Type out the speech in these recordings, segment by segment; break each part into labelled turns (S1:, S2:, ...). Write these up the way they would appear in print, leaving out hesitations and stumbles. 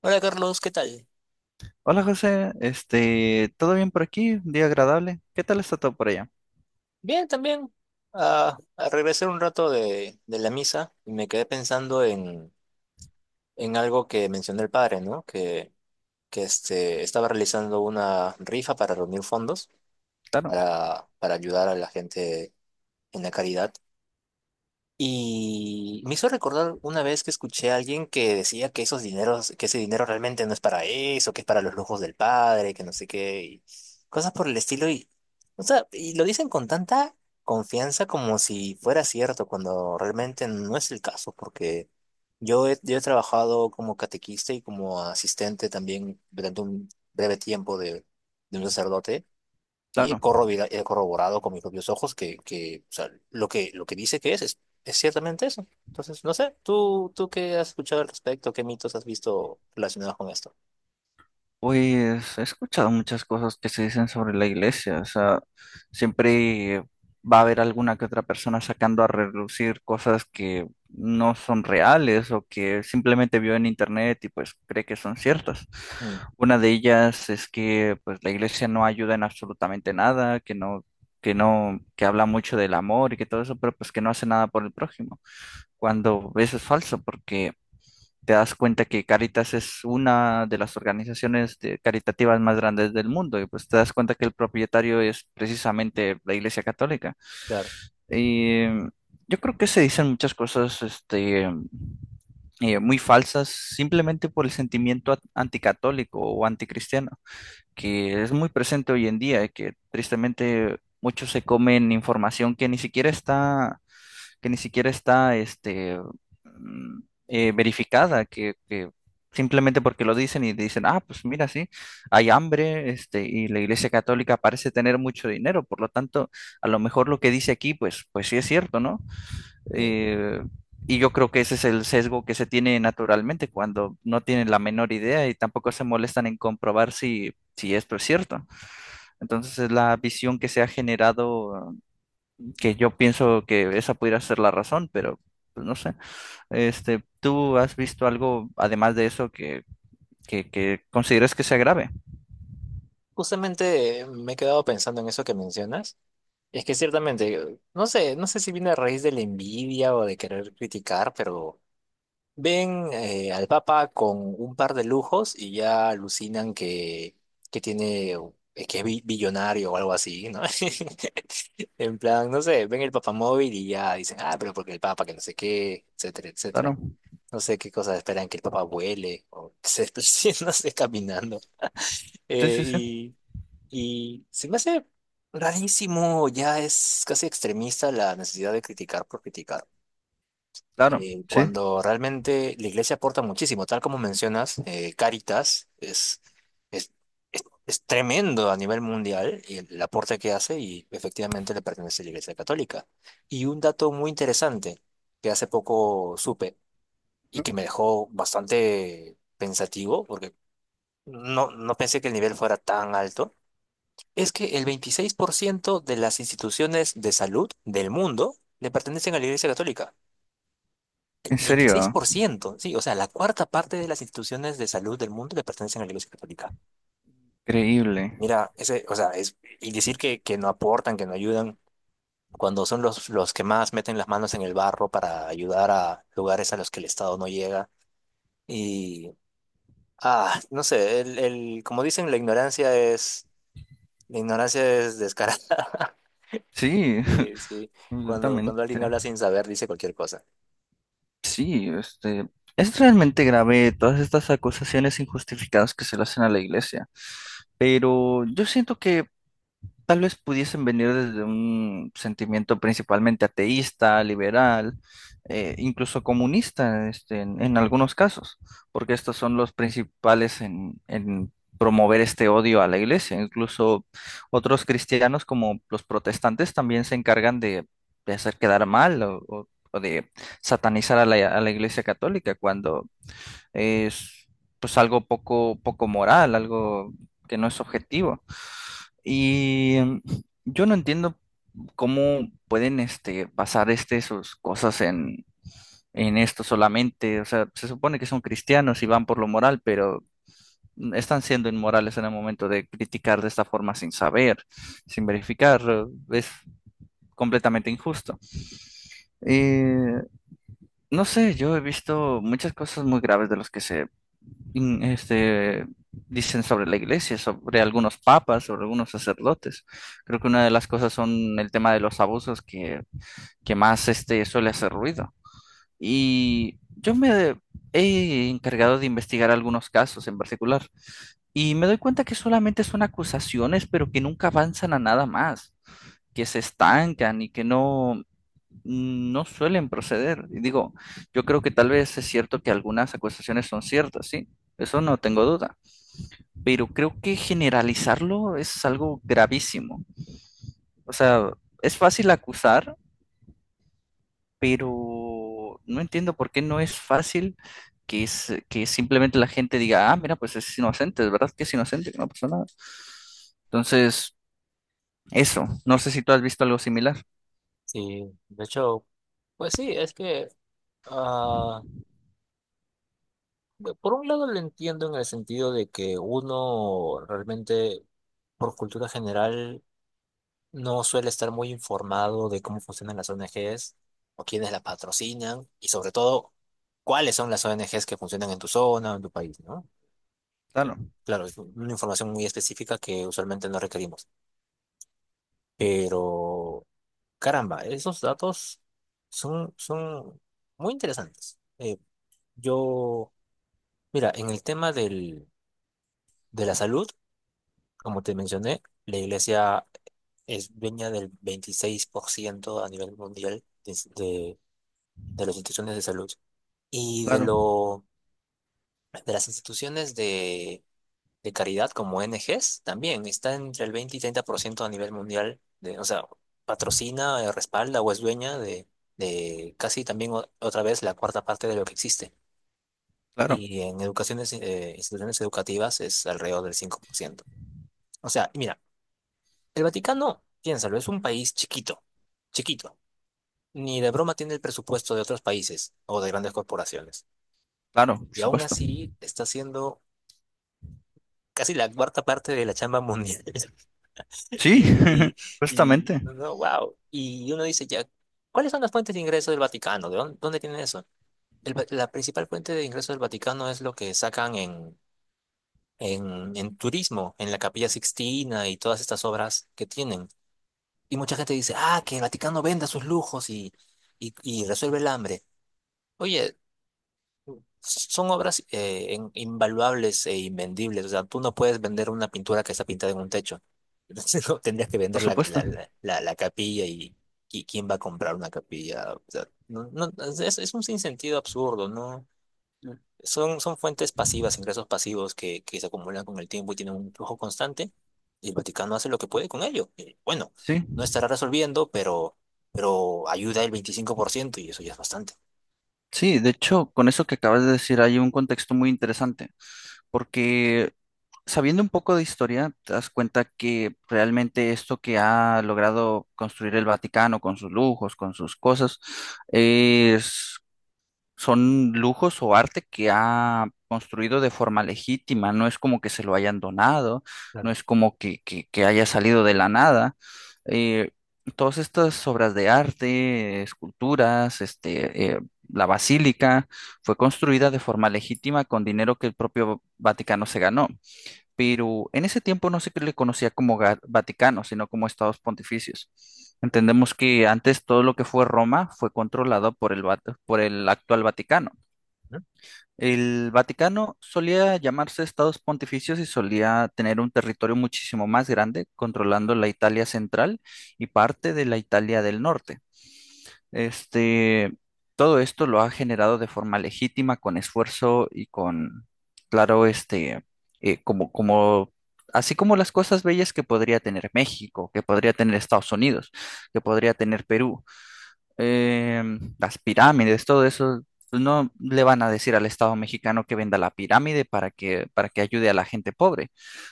S1: Hola Carlos, ¿qué tal?
S2: Hola José, ¿todo bien por aquí? Un día agradable. ¿Qué tal está todo por allá?
S1: Bien, también. Regresé un rato de la misa y me quedé pensando en algo que mencionó el padre, ¿no? Que este, estaba realizando una rifa para reunir fondos
S2: Claro,
S1: para ayudar a la gente en la caridad. Y me hizo recordar una vez que escuché a alguien que decía que esos dineros, que ese dinero realmente no es para eso, que es para los lujos del padre, que no sé qué, y cosas por el estilo. Y, o sea, y lo dicen con tanta confianza como si fuera cierto, cuando realmente no es el caso, porque yo he trabajado como catequista y como asistente también durante un breve tiempo de un sacerdote y
S2: claro.
S1: he corroborado con mis propios ojos o sea, lo que dice que es ciertamente eso. Entonces, no sé, tú qué has escuchado al respecto? ¿Qué mitos has visto relacionados con esto?
S2: Pues he escuchado muchas cosas que se dicen sobre la iglesia, o sea, siempre va a haber alguna que otra persona sacando a relucir cosas que no son reales o que simplemente vio en internet y pues cree que son ciertas.
S1: Mm,
S2: Una de ellas es que pues la iglesia no ayuda en absolutamente nada, que no, que no, que habla mucho del amor y que todo eso, pero pues que no hace nada por el prójimo, cuando eso es falso, porque te das cuenta que Caritas es una de las caritativas más grandes del mundo, y pues te das cuenta que el propietario es precisamente la Iglesia Católica.
S1: claro.
S2: Y yo creo que se dicen muchas cosas, muy falsas simplemente por el sentimiento anticatólico o anticristiano, que es muy presente hoy en día y que tristemente muchos se comen información que ni siquiera está mm, verificada, que simplemente porque lo dicen y dicen, ah, pues mira, sí, hay hambre, y la Iglesia Católica parece tener mucho dinero, por lo tanto, a lo mejor lo que dice aquí, pues sí es cierto, ¿no?
S1: Sí.
S2: Eh, y yo creo que ese es el sesgo que se tiene naturalmente cuando no tienen la menor idea y tampoco se molestan en comprobar si esto es cierto. Entonces es la visión que se ha generado que yo pienso que esa pudiera ser la razón, pero pues, no sé. ¿Tú has visto algo además de eso que consideres que sea grave?
S1: Justamente me he quedado pensando en eso que mencionas. Es que ciertamente, no sé, no sé si viene a raíz de la envidia o de querer criticar, pero ven al Papa con un par de lujos y ya alucinan que tiene, que es billonario o algo así, ¿no? En plan, no sé, ven el Papa móvil y ya dicen, ah, pero porque el Papa, que no sé qué, etcétera, etcétera.
S2: Claro.
S1: No sé qué cosas esperan que el Papa vuele o que se desplace, no sé, caminando.
S2: Sí,
S1: Eh,
S2: sí, sí.
S1: y, y se me hace rarísimo, ya es casi extremista la necesidad de criticar por criticar,
S2: Claro. Sí.
S1: cuando realmente la iglesia aporta muchísimo, tal como mencionas. Caritas es, es tremendo a nivel mundial el aporte que hace y efectivamente le pertenece a la Iglesia Católica. Y un dato muy interesante que hace poco supe y
S2: Ujú.
S1: que me dejó bastante pensativo, porque no pensé que el nivel fuera tan alto, es que el 26% de las instituciones de salud del mundo le pertenecen a la Iglesia Católica.
S2: En serio.
S1: 26%, sí, o sea, la cuarta parte de las instituciones de salud del mundo le pertenecen a la Iglesia Católica.
S2: Increíble.
S1: Mira, ese, o sea, es, y decir que no aportan, que no ayudan, cuando son los que más meten las manos en el barro para ayudar a lugares a los que el Estado no llega. Y, ah, no sé, como dicen, la ignorancia es descarada.
S2: Sí,
S1: Sí, sí, cuando
S2: completamente.
S1: alguien habla sin saber, dice cualquier cosa.
S2: Sí, es realmente grave todas estas acusaciones injustificadas que se le hacen a la iglesia, pero yo siento que tal vez pudiesen venir desde un sentimiento principalmente ateísta, liberal, incluso comunista, en algunos casos, porque estos son los principales en promover este odio a la iglesia. Incluso otros cristianos, como los protestantes, también se encargan de hacer quedar mal o de satanizar a a la iglesia católica cuando es pues algo poco, poco moral, algo que no es objetivo. Y mm, yo no entiendo cómo pueden basar sus cosas en esto solamente. O sea, se supone que son cristianos y van por lo moral, pero están siendo inmorales en el momento de criticar de esta forma sin saber, sin verificar. Es completamente injusto. Eh, no sé, yo he visto muchas cosas muy graves de los que se in- este, dicen sobre la iglesia, sobre algunos papas, sobre algunos sacerdotes. Creo que una de las cosas son el tema de los abusos que más suele hacer ruido. Y yo me he encargado de investigar algunos casos en particular y me doy cuenta que solamente son acusaciones, pero que nunca avanzan a nada más, que se estancan y que no no suelen proceder. Y digo, yo creo que tal vez es cierto que algunas acusaciones son ciertas, sí, eso no tengo duda, pero creo que generalizarlo es algo gravísimo. O sea, es fácil acusar, pero no entiendo por qué no es fácil que simplemente la gente diga, ah, mira, pues es inocente, de verdad que es inocente, que no pasó nada. Entonces, eso, no sé si tú has visto algo similar.
S1: Sí, de hecho, pues sí, es que... Bueno, por un lado lo entiendo en el sentido de que uno realmente, por cultura general, no suele estar muy informado de cómo funcionan las ONGs o quiénes las patrocinan y sobre todo cuáles son las ONGs que funcionan en tu zona o en tu país, ¿no?
S2: Claro,
S1: Claro, es una información muy específica que usualmente no requerimos. Pero, caramba, esos datos son muy interesantes. Yo, mira, en el tema de la salud. Como te mencioné, la iglesia es dueña del 26% a nivel mundial de las instituciones de salud. Y
S2: claro,
S1: de las instituciones de caridad como ONGs también está entre el 20 y 30% a nivel mundial. De, o sea, patrocina, respalda o es dueña de casi también otra vez la cuarta parte de lo que existe.
S2: claro,
S1: Y en educaciones, instituciones educativas, es alrededor del 5%. O sea, mira, el Vaticano, piénsalo, es un país chiquito, chiquito. Ni de broma tiene el presupuesto de otros países o de grandes corporaciones.
S2: claro, por
S1: Y aún
S2: supuesto.
S1: así está haciendo casi la cuarta parte de la chamba mundial.
S2: Sí,
S1: Y, y,
S2: justamente,
S1: no, wow. Y uno dice ya, ¿cuáles son las fuentes de ingreso del Vaticano? ¿De dónde tienen eso? La principal fuente de ingreso del Vaticano es lo que sacan en turismo, en la Capilla Sixtina y todas estas obras que tienen. Y mucha gente dice, ah, que el Vaticano venda sus lujos y resuelve el hambre. Oye, son obras, invaluables e invendibles. O sea, tú no puedes vender una pintura que está pintada en un techo. Entonces, no, tendrías que
S2: por
S1: vender
S2: supuesto.
S1: la capilla y, ¿quién va a comprar una capilla? O sea, no, es un sinsentido absurdo, ¿no? Son fuentes pasivas, ingresos pasivos que se acumulan con el tiempo y tienen un flujo constante, y el Vaticano hace lo que puede con ello. Y, bueno,
S2: Sí,
S1: no estará resolviendo, pero ayuda el 25% y eso ya es bastante.
S2: sí, de hecho, con eso que acabas de decir hay un contexto muy interesante, porque sabiendo un poco de historia, te das cuenta que realmente esto que ha logrado construir el Vaticano con sus lujos, con sus cosas, es son lujos o arte que ha construido de forma legítima, no es como que se lo hayan donado, no
S1: Claro.
S2: es como que haya salido de la nada. Eh, todas estas obras de arte, esculturas, la basílica, fue construida de forma legítima con dinero que el propio Vaticano se ganó, pero en ese tiempo no se le conocía como Vaticano, sino como Estados Pontificios. Entendemos que antes todo lo que fue Roma fue controlado por por el actual Vaticano.
S1: ¿No?
S2: El Vaticano solía llamarse Estados Pontificios y solía tener un territorio muchísimo más grande, controlando la Italia central y parte de la Italia del norte. Este, todo esto lo ha generado de forma legítima, con esfuerzo y con, claro, como así como las cosas bellas que podría tener México, que podría tener Estados Unidos, que podría tener Perú, las pirámides, todo eso, pues no le van a decir al Estado mexicano que venda la pirámide para que ayude a la gente pobre.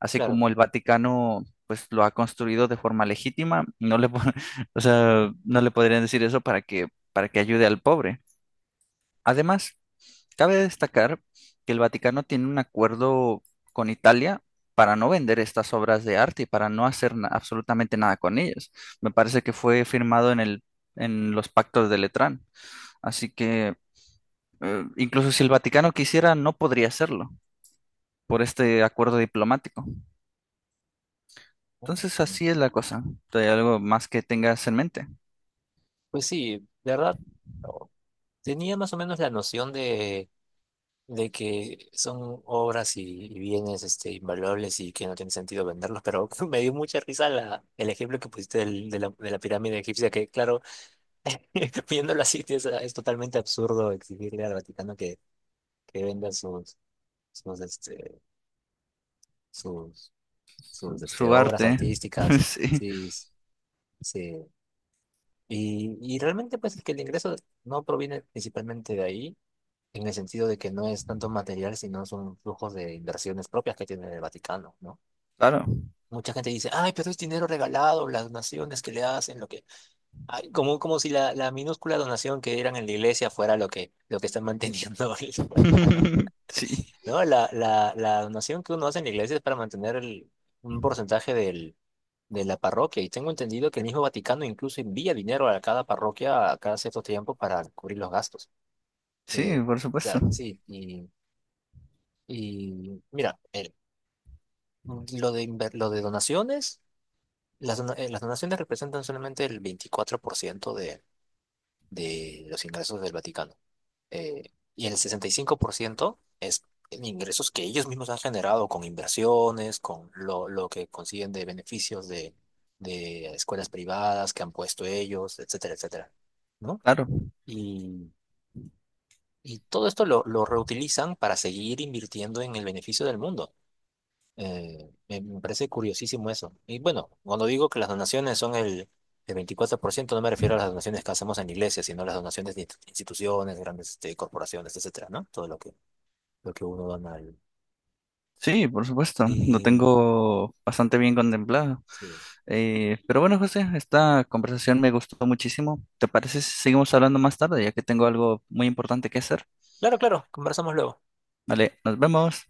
S2: Así
S1: Claro.
S2: como el Vaticano, pues lo ha construido de forma legítima, no le, po- o sea, no le podrían decir eso para que ayude al pobre. Además, cabe destacar que el Vaticano tiene un acuerdo con Italia, para no vender estas obras de arte y para no hacer absolutamente nada con ellas. Me parece que fue firmado en los pactos de Letrán. Así que incluso si el Vaticano quisiera, no podría hacerlo por este acuerdo diplomático. Entonces así es la cosa. ¿Hay algo más que tengas en mente?
S1: Pues sí, de verdad, oh, tenía más o menos la noción de que son obras y bienes este, invaluables y que no tiene sentido venderlos, pero me dio mucha risa el ejemplo que pusiste de la pirámide egipcia, que claro, viéndolo así, sí, es totalmente absurdo exigirle al Vaticano que venda sus, este, sus, sus este,
S2: Su
S1: obras
S2: arte.
S1: artísticas.
S2: Sí,
S1: Sí, sí. Y realmente, pues, es que el ingreso no proviene principalmente de ahí, en el sentido de que no es tanto material, sino son flujos de inversiones propias que tiene el Vaticano, ¿no?
S2: claro.
S1: Mucha gente dice, ay, pero es dinero regalado, las donaciones que le hacen, lo que... Ay, como, como si la minúscula donación que eran en la iglesia fuera lo que está manteniendo el Vaticano.
S2: Sí,
S1: No, la donación que uno hace en la iglesia es para mantener un porcentaje de la parroquia. Y tengo entendido que el mismo Vaticano incluso envía dinero a cada parroquia a cada cierto tiempo para cubrir los gastos.
S2: sí,
S1: Eh, o
S2: por supuesto.
S1: sí, y mira, el- lo de, inver- lo de donaciones, las, dona- las donaciones representan solamente el 24% de los ingresos del Vaticano. Y el 65% es en ingresos que ellos mismos han generado con inversiones, con lo que consiguen de beneficios de escuelas privadas que han puesto ellos, etcétera, etcétera, ¿no?
S2: Claro.
S1: Y, y todo esto lo reutilizan para seguir invirtiendo en el beneficio del mundo. Me parece curiosísimo eso. Y bueno, cuando digo que las donaciones son el 24%, no me refiero a las donaciones que hacemos en iglesias, sino a las donaciones de instituciones, grandes este, corporaciones, etcétera, ¿no? Todo lo que uno da a nadie.
S2: Sí, por supuesto. Lo
S1: Y,
S2: tengo bastante bien contemplado.
S1: sí.
S2: Pero bueno, José, esta conversación me gustó muchísimo. ¿Te parece si seguimos hablando más tarde, ya que tengo algo muy importante que hacer?
S1: Claro, claro, conversamos luego.
S2: Vale, nos vemos.